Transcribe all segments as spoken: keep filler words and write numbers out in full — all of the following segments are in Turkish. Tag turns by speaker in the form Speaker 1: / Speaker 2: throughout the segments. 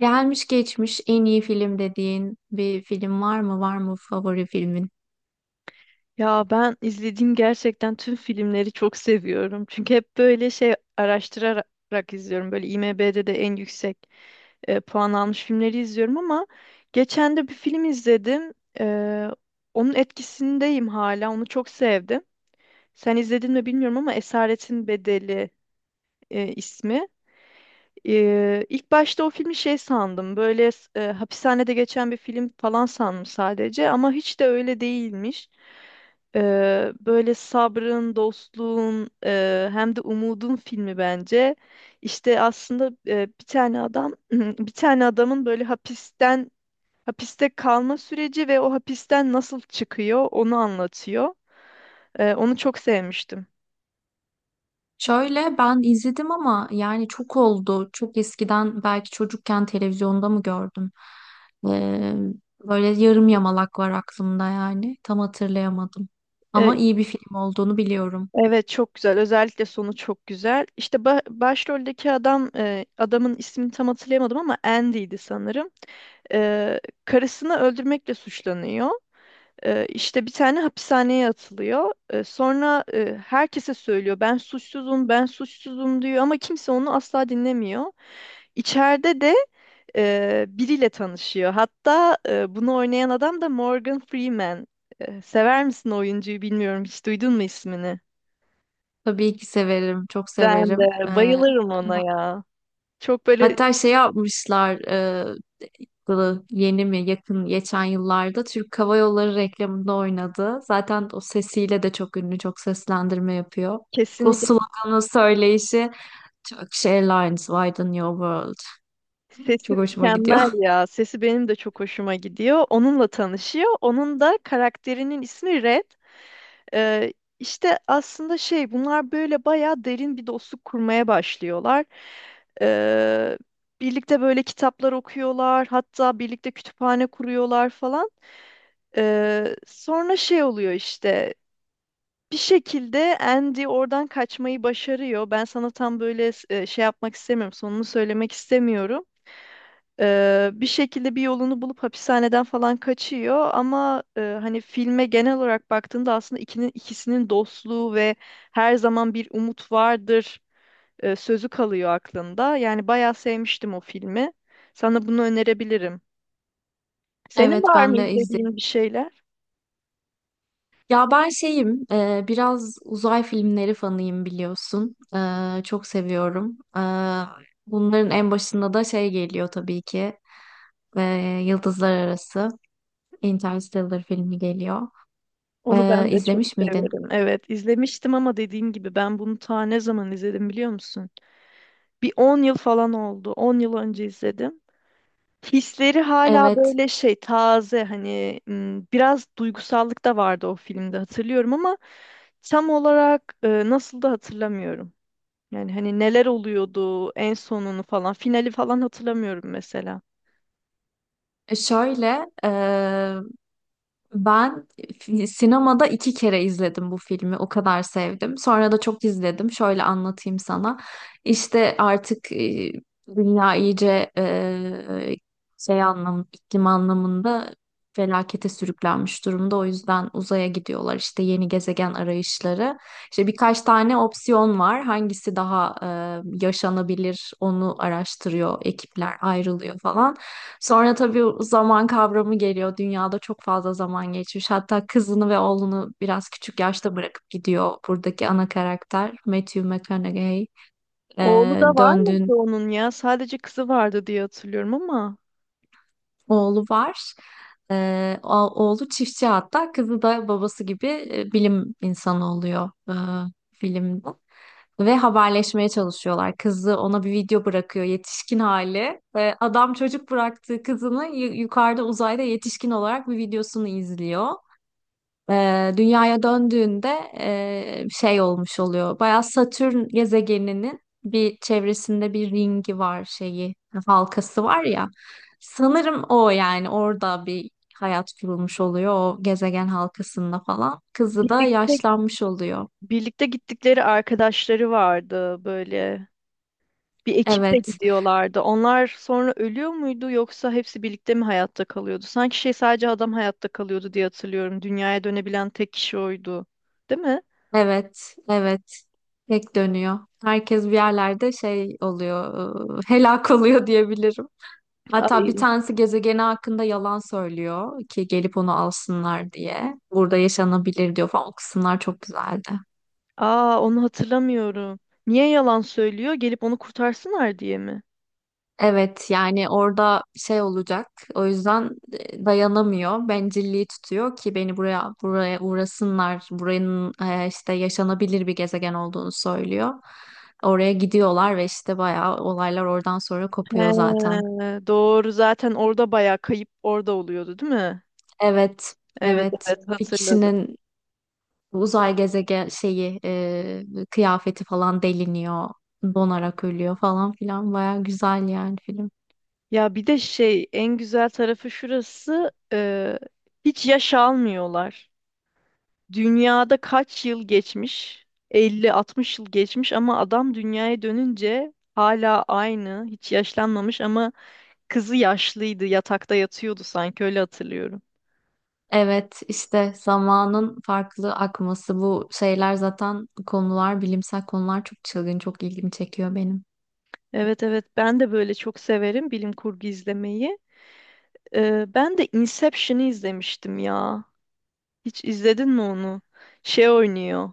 Speaker 1: Gelmiş geçmiş en iyi film dediğin bir film var mı? Var mı favori filmin?
Speaker 2: Ya ben izlediğim gerçekten tüm filmleri çok seviyorum. Çünkü hep böyle şey araştırarak izliyorum. Böyle IMDb'de de en yüksek e, puan almış filmleri izliyorum ama geçen de bir film izledim. E, Onun etkisindeyim hala. Onu çok sevdim. Sen izledin mi bilmiyorum ama Esaretin Bedeli e, ismi. E, ilk başta o filmi şey sandım. Böyle e, hapishanede geçen bir film falan sandım sadece ama hiç de öyle değilmiş. Ee, böyle sabrın, dostluğun, e, hem de umudun filmi bence. İşte aslında e, bir tane adam, bir tane adamın böyle hapisten hapiste kalma süreci ve o hapisten nasıl çıkıyor onu anlatıyor. Ee, onu çok sevmiştim.
Speaker 1: Şöyle ben izledim ama yani çok oldu. Çok eskiden belki çocukken televizyonda mı gördüm? Ee, Böyle yarım yamalak var aklımda yani. Tam hatırlayamadım.
Speaker 2: E,
Speaker 1: Ama iyi bir film olduğunu biliyorum.
Speaker 2: evet, çok güzel. Özellikle sonu çok güzel. İşte ba- başroldeki adam, e, adamın ismini tam hatırlayamadım ama Andy'ydi sanırım. Ee, karısını öldürmekle suçlanıyor. Ee, işte bir tane hapishaneye atılıyor. Ee, sonra e, herkese söylüyor, ben suçsuzum, ben suçsuzum diyor ama kimse onu asla dinlemiyor. İçeride de e, biriyle tanışıyor. Hatta e, bunu oynayan adam da Morgan Freeman. E, sever misin o oyuncuyu bilmiyorum. Hiç duydun mu ismini?
Speaker 1: Tabii ki severim. Çok
Speaker 2: Ben
Speaker 1: severim.
Speaker 2: de
Speaker 1: Ee,
Speaker 2: bayılırım ona ya. Çok böyle
Speaker 1: hatta şey yapmışlar. Yılı yeni mi yakın geçen yıllarda Türk Hava Yolları reklamında oynadı. Zaten o sesiyle de çok ünlü, çok seslendirme yapıyor. O
Speaker 2: kesinlikle
Speaker 1: sloganı söyleyişi Turkish Airlines widen your world.
Speaker 2: sesi
Speaker 1: Çok hoşuma gidiyor.
Speaker 2: mükemmel ya. Sesi benim de çok hoşuma gidiyor. Onunla tanışıyor. Onun da karakterinin ismi Red. Ee, işte aslında şey, bunlar böyle bayağı derin bir dostluk kurmaya başlıyorlar. Ee, Birlikte böyle kitaplar okuyorlar, hatta birlikte kütüphane kuruyorlar falan. Ee, sonra şey oluyor işte, bir şekilde Andy oradan kaçmayı başarıyor. Ben sana tam böyle e, şey yapmak istemiyorum, sonunu söylemek istemiyorum. Ee, bir şekilde bir yolunu bulup hapishaneden falan kaçıyor ama e, hani filme genel olarak baktığında aslında ikinin ikisinin dostluğu ve her zaman bir umut vardır e, sözü kalıyor aklında. Yani bayağı sevmiştim o filmi. Sana bunu önerebilirim. Senin
Speaker 1: Evet
Speaker 2: var mı
Speaker 1: ben de izledim.
Speaker 2: izlediğin bir şeyler?
Speaker 1: Ya ben şeyim, e, biraz uzay filmleri fanıyım biliyorsun. E, çok seviyorum. E, bunların en başında da şey geliyor tabii ki. E, Yıldızlar Arası Interstellar filmi geliyor.
Speaker 2: Onu
Speaker 1: E,
Speaker 2: ben de çok
Speaker 1: izlemiş miydin?
Speaker 2: severim. Evet, izlemiştim ama dediğim gibi ben bunu ta ne zaman izledim biliyor musun? Bir on yıl falan oldu. On yıl önce izledim. Hisleri hala
Speaker 1: Evet.
Speaker 2: böyle şey taze hani, m, biraz duygusallık da vardı o filmde hatırlıyorum ama tam olarak e, nasıl da hatırlamıyorum. Yani hani neler oluyordu, en sonunu falan, finali falan hatırlamıyorum mesela.
Speaker 1: Şöyle, ben fi- sinemada iki kere izledim bu filmi. O kadar sevdim. Sonra da çok izledim. Şöyle anlatayım sana. İşte artık e, dünya iyice e, şey anlam, iklim anlamında felakete sürüklenmiş durumda. O yüzden uzaya gidiyorlar. İşte yeni gezegen arayışları. İşte birkaç tane opsiyon var. Hangisi daha e, yaşanabilir onu araştırıyor, ekipler ayrılıyor falan. Sonra tabii zaman kavramı geliyor. Dünyada çok fazla zaman geçmiş. Hatta kızını ve oğlunu biraz küçük yaşta bırakıp gidiyor buradaki ana karakter Matthew McConaughey.
Speaker 2: Oğlu da
Speaker 1: Ee,
Speaker 2: var
Speaker 1: döndüğün
Speaker 2: mıydı onun ya? Sadece kızı vardı diye hatırlıyorum ama.
Speaker 1: oğlu var. Ee, o- oğlu çiftçi, hatta kızı da babası gibi e, bilim insanı oluyor e, filmde. Ve haberleşmeye çalışıyorlar. Kızı ona bir video bırakıyor yetişkin hali. Ve adam çocuk bıraktığı kızını yu- yukarıda uzayda yetişkin olarak bir videosunu izliyor. E, dünyaya döndüğünde e, şey olmuş oluyor. Bayağı Satürn gezegeninin bir çevresinde bir ringi var şeyi, halkası var ya. Sanırım o, yani orada bir hayat kurulmuş oluyor o gezegen halkasında falan. Kızı da
Speaker 2: Birlikteydi
Speaker 1: yaşlanmış oluyor.
Speaker 2: Birlikte gittikleri arkadaşları vardı böyle. Bir ekiple
Speaker 1: Evet,
Speaker 2: gidiyorlardı. Onlar sonra ölüyor muydu yoksa hepsi birlikte mi hayatta kalıyordu? Sanki şey, sadece adam hayatta kalıyordu diye hatırlıyorum. Dünyaya dönebilen tek kişi oydu. Değil mi?
Speaker 1: evet, evet. Tek dönüyor. Herkes bir yerlerde şey oluyor, e, helak oluyor diyebilirim. Hatta bir
Speaker 2: Ay.
Speaker 1: tanesi gezegeni hakkında yalan söylüyor ki gelip onu alsınlar diye. Burada yaşanabilir diyor falan. O kısımlar çok güzeldi.
Speaker 2: Aa, onu hatırlamıyorum. Niye yalan söylüyor? Gelip onu kurtarsınlar diye mi?
Speaker 1: Evet yani orada şey olacak. O yüzden e, dayanamıyor. Bencilliği tutuyor ki beni buraya buraya uğrasınlar. Buranın e, işte yaşanabilir bir gezegen olduğunu söylüyor. Oraya gidiyorlar ve işte bayağı olaylar oradan sonra
Speaker 2: He,
Speaker 1: kopuyor zaten.
Speaker 2: doğru, zaten orada bayağı kayıp orada oluyordu değil mi?
Speaker 1: Evet.
Speaker 2: Evet,
Speaker 1: Evet.
Speaker 2: evet,
Speaker 1: Bir
Speaker 2: hatırladım.
Speaker 1: kişinin uzay gezegen şeyi e, kıyafeti falan deliniyor, donarak ölüyor falan filan. Baya güzel yani film.
Speaker 2: Ya bir de şey, en güzel tarafı şurası, e, hiç yaş almıyorlar. Dünyada kaç yıl geçmiş? elli altmış yıl geçmiş ama adam dünyaya dönünce hala aynı, hiç yaşlanmamış ama kızı yaşlıydı, yatakta yatıyordu, sanki öyle hatırlıyorum.
Speaker 1: Evet işte zamanın farklı akması, bu şeyler zaten konular, bilimsel konular çok çılgın, çok ilgimi çekiyor benim.
Speaker 2: Evet, evet, ben de böyle çok severim bilim kurgu izlemeyi. E, ben de Inception'ı izlemiştim ya. Hiç izledin mi onu? Şey oynuyor.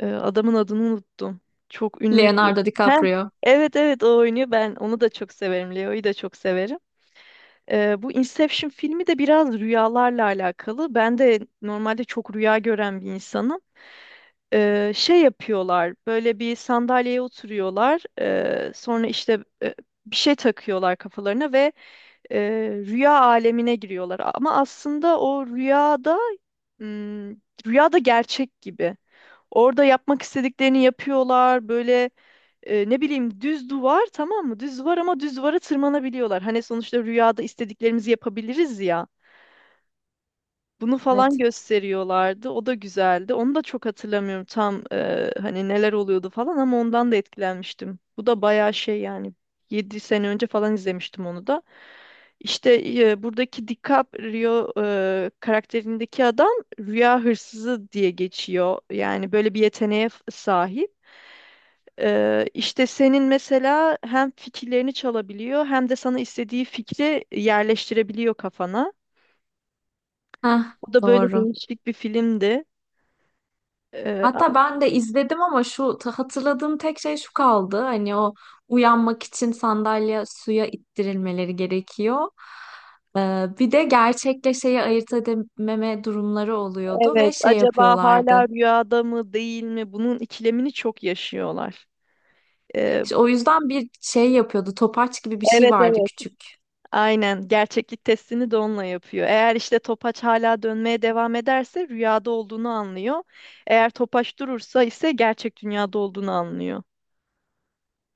Speaker 2: Ee, adamın adını unuttum. Çok ünlü bir.
Speaker 1: Leonardo
Speaker 2: Heh,
Speaker 1: DiCaprio.
Speaker 2: evet, evet, o oynuyor. Ben onu da çok severim. Leo'yu da çok severim. Ee, bu Inception filmi de biraz rüyalarla alakalı. Ben de normalde çok rüya gören bir insanım. Ee, şey yapıyorlar. Böyle bir sandalyeye oturuyorlar. Ee, sonra işte e, bir şey takıyorlar kafalarına ve e, rüya alemine giriyorlar. Ama aslında o rüyada hmm, rüyada gerçek gibi. Orada yapmak istediklerini yapıyorlar. Böyle e, ne bileyim, düz duvar, tamam mı? Düz duvar ama düz duvara tırmanabiliyorlar. Hani sonuçta rüyada istediklerimizi yapabiliriz ya. Bunu falan
Speaker 1: Evet.
Speaker 2: gösteriyorlardı. O da güzeldi. Onu da çok hatırlamıyorum tam, e, hani neler oluyordu falan ama ondan da etkilenmiştim. Bu da bayağı şey, yani yedi sene önce falan izlemiştim onu da. İşte e, buradaki DiCaprio e, karakterindeki adam rüya hırsızı diye geçiyor. Yani böyle bir yeteneğe f- sahip. Ee, işte senin mesela hem fikirlerini çalabiliyor hem de sana istediği fikri yerleştirebiliyor kafana.
Speaker 1: Heh,
Speaker 2: O da böyle
Speaker 1: doğru.
Speaker 2: değişik bir filmdi. Ee,
Speaker 1: Hatta
Speaker 2: ama
Speaker 1: ben de izledim ama şu ta- hatırladığım tek şey şu kaldı. Hani o uyanmak için sandalye suya ittirilmeleri gerekiyor. Ee, bir de gerçekle şeyi ayırt edememe durumları oluyordu ve
Speaker 2: evet,
Speaker 1: şey
Speaker 2: acaba
Speaker 1: yapıyorlardı.
Speaker 2: hala rüyada mı değil mi? Bunun ikilemini çok yaşıyorlar. Ee,
Speaker 1: İşte o yüzden bir şey yapıyordu. Topaç gibi bir şey
Speaker 2: evet,
Speaker 1: vardı.
Speaker 2: evet. Aynen, gerçeklik testini de onunla yapıyor. Eğer işte topaç hala dönmeye devam ederse rüyada olduğunu anlıyor. Eğer topaç durursa ise gerçek dünyada olduğunu anlıyor.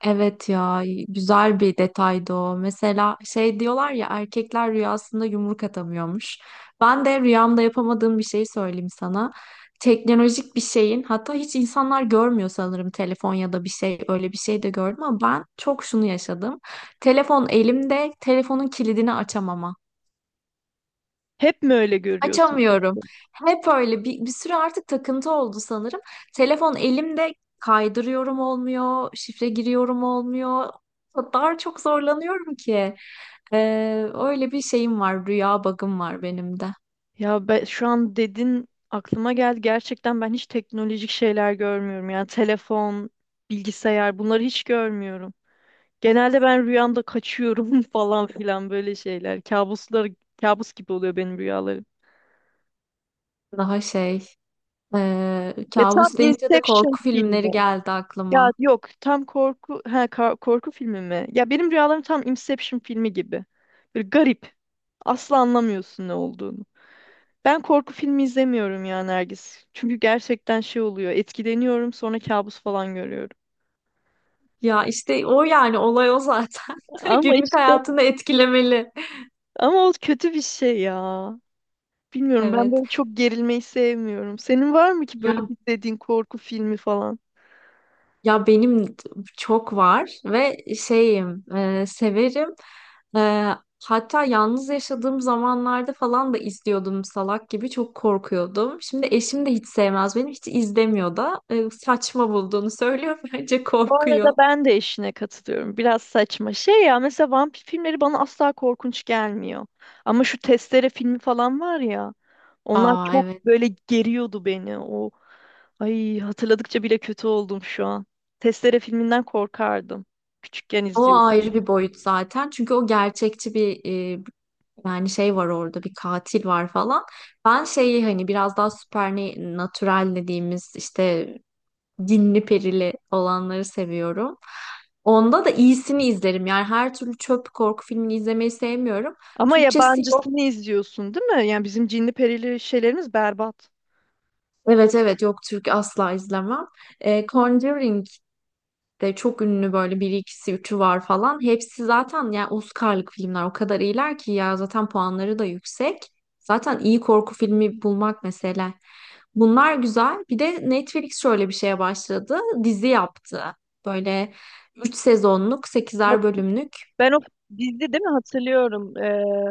Speaker 1: Evet ya, güzel bir detaydı o. Mesela şey diyorlar ya, erkekler rüyasında yumruk atamıyormuş. Ben de rüyamda yapamadığım bir şey söyleyeyim sana. Teknolojik bir şeyin, hatta hiç insanlar görmüyor sanırım, telefon ya da bir şey, öyle bir şey de gördüm ama ben çok şunu yaşadım. Telefon elimde telefonun kilidini açamama.
Speaker 2: Hep mi öyle görüyorsun?
Speaker 1: Açamıyorum. Hep öyle bir, bir süre artık takıntı oldu sanırım. Telefon elimde kaydırıyorum olmuyor, şifre giriyorum olmuyor. O kadar çok zorlanıyorum ki. Ee, öyle bir şeyim var, rüya bug'ım var benim de.
Speaker 2: Ya ben, şu an dedin, aklıma geldi. Gerçekten ben hiç teknolojik şeyler görmüyorum. Yani telefon, bilgisayar, bunları hiç görmüyorum. Genelde ben rüyamda kaçıyorum falan filan, böyle şeyler. Kabuslar, kabus gibi oluyor benim rüyalarım.
Speaker 1: Daha şey, ee,
Speaker 2: Ya tam
Speaker 1: kabus deyince de
Speaker 2: Inception
Speaker 1: korku filmleri
Speaker 2: filmi.
Speaker 1: geldi
Speaker 2: Ya
Speaker 1: aklıma.
Speaker 2: yok, tam korku, ha ka- korku filmi mi? Ya benim rüyalarım tam Inception filmi gibi. Böyle garip. Asla anlamıyorsun ne olduğunu. Ben korku filmi izlemiyorum ya, Nergis. Çünkü gerçekten şey oluyor. Etkileniyorum, sonra kabus falan görüyorum.
Speaker 1: Ya işte o yani olay o zaten.
Speaker 2: Ama
Speaker 1: Günlük
Speaker 2: işte
Speaker 1: hayatını etkilemeli.
Speaker 2: ama o kötü bir şey ya. Bilmiyorum, ben
Speaker 1: Evet.
Speaker 2: böyle çok gerilmeyi sevmiyorum. Senin var mı ki böyle izlediğin korku filmi falan?
Speaker 1: Ya benim çok var ve şeyim e, severim. E, Hatta yalnız yaşadığım zamanlarda falan da izliyordum, salak gibi çok korkuyordum. Şimdi eşim de hiç sevmez, beni hiç izlemiyor da e, saçma bulduğunu söylüyor bence
Speaker 2: Bu arada
Speaker 1: korkuyor.
Speaker 2: ben de eşine katılıyorum. Biraz saçma. Şey ya, mesela vampir filmleri bana asla korkunç gelmiyor. Ama şu Testere filmi falan var ya. Onlar
Speaker 1: Aa
Speaker 2: çok
Speaker 1: evet,
Speaker 2: böyle geriyordu beni. O, ay, hatırladıkça bile kötü oldum şu an. Testere filminden korkardım. Küçükken
Speaker 1: o ayrı
Speaker 2: izliyordum.
Speaker 1: bir boyut zaten çünkü o gerçekçi bir e, yani şey var, orada bir katil var falan. Ben şeyi, hani biraz daha supernatural dediğimiz işte cinli perili olanları seviyorum. Onda da iyisini izlerim. Yani her türlü çöp korku filmini izlemeyi sevmiyorum.
Speaker 2: Ama
Speaker 1: Türkçesi yok.
Speaker 2: yabancısını izliyorsun, değil mi? Yani bizim cinli perili şeylerimiz berbat.
Speaker 1: Evet evet yok, Türk asla izlemem. E, Conjuring de çok ünlü, böyle bir ikisi üçü var falan. Hepsi zaten yani Oscar'lık filmler, o kadar iyiler ki ya, zaten puanları da yüksek. Zaten iyi korku filmi bulmak mesele. Bunlar güzel. Bir de Netflix şöyle bir şeye başladı. Dizi yaptı. Böyle üç sezonluk,
Speaker 2: Hat-
Speaker 1: sekizer bölümlük.
Speaker 2: Ben o dizi değil mi hatırlıyorum. Ee,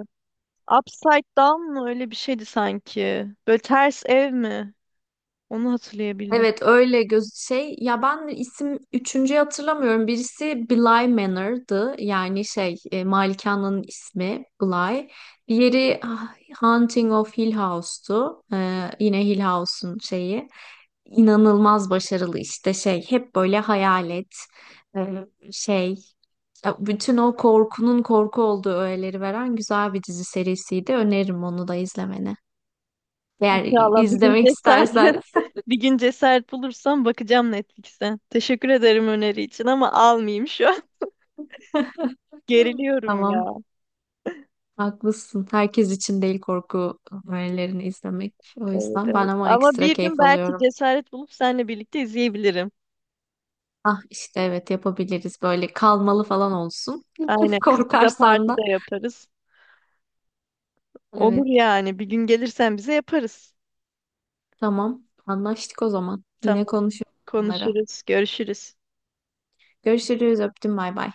Speaker 2: Upside Down mı öyle bir şeydi sanki. Böyle ters ev mi? Onu hatırlayabildim.
Speaker 1: Evet öyle göz şey ya, ben isim üçüncüyü hatırlamıyorum. Birisi Bly Manor'dı. Yani şey, e, malikanenin ismi Bly. Diğeri ah, Haunting of Hill House'tu. Ee, yine Hill House'un şeyi. İnanılmaz başarılı, işte şey, hep böyle hayalet, e, şey, ya bütün o korkunun korku olduğu öğeleri veren güzel bir dizi serisiydi. Öneririm onu da izlemeni. Eğer
Speaker 2: İnşallah bir gün
Speaker 1: izlemek
Speaker 2: cesaret,
Speaker 1: istersen.
Speaker 2: bir gün cesaret bulursam bakacağım Netflix'e. Teşekkür ederim öneri için ama almayayım şu an. Geriliyorum
Speaker 1: Tamam.
Speaker 2: ya.
Speaker 1: Haklısın. Herkes için değil korku öğelerini izlemek. O
Speaker 2: Evet,
Speaker 1: yüzden ben
Speaker 2: evet.
Speaker 1: ama
Speaker 2: Ama
Speaker 1: ekstra
Speaker 2: bir gün
Speaker 1: keyif
Speaker 2: belki
Speaker 1: alıyorum.
Speaker 2: cesaret bulup seninle birlikte izleyebilirim.
Speaker 1: Ah işte evet yapabiliriz. Böyle kalmalı falan olsun.
Speaker 2: Aynen. Kız kıza
Speaker 1: Korkarsan
Speaker 2: parti
Speaker 1: da.
Speaker 2: de yaparız. Olur
Speaker 1: Evet.
Speaker 2: yani. Bir gün gelirsen bize yaparız.
Speaker 1: Tamam. Anlaştık o zaman. Yine
Speaker 2: Tamam.
Speaker 1: konuşuruz bunları.
Speaker 2: Konuşuruz. Görüşürüz.
Speaker 1: Görüşürüz. Öptüm. Bay bay.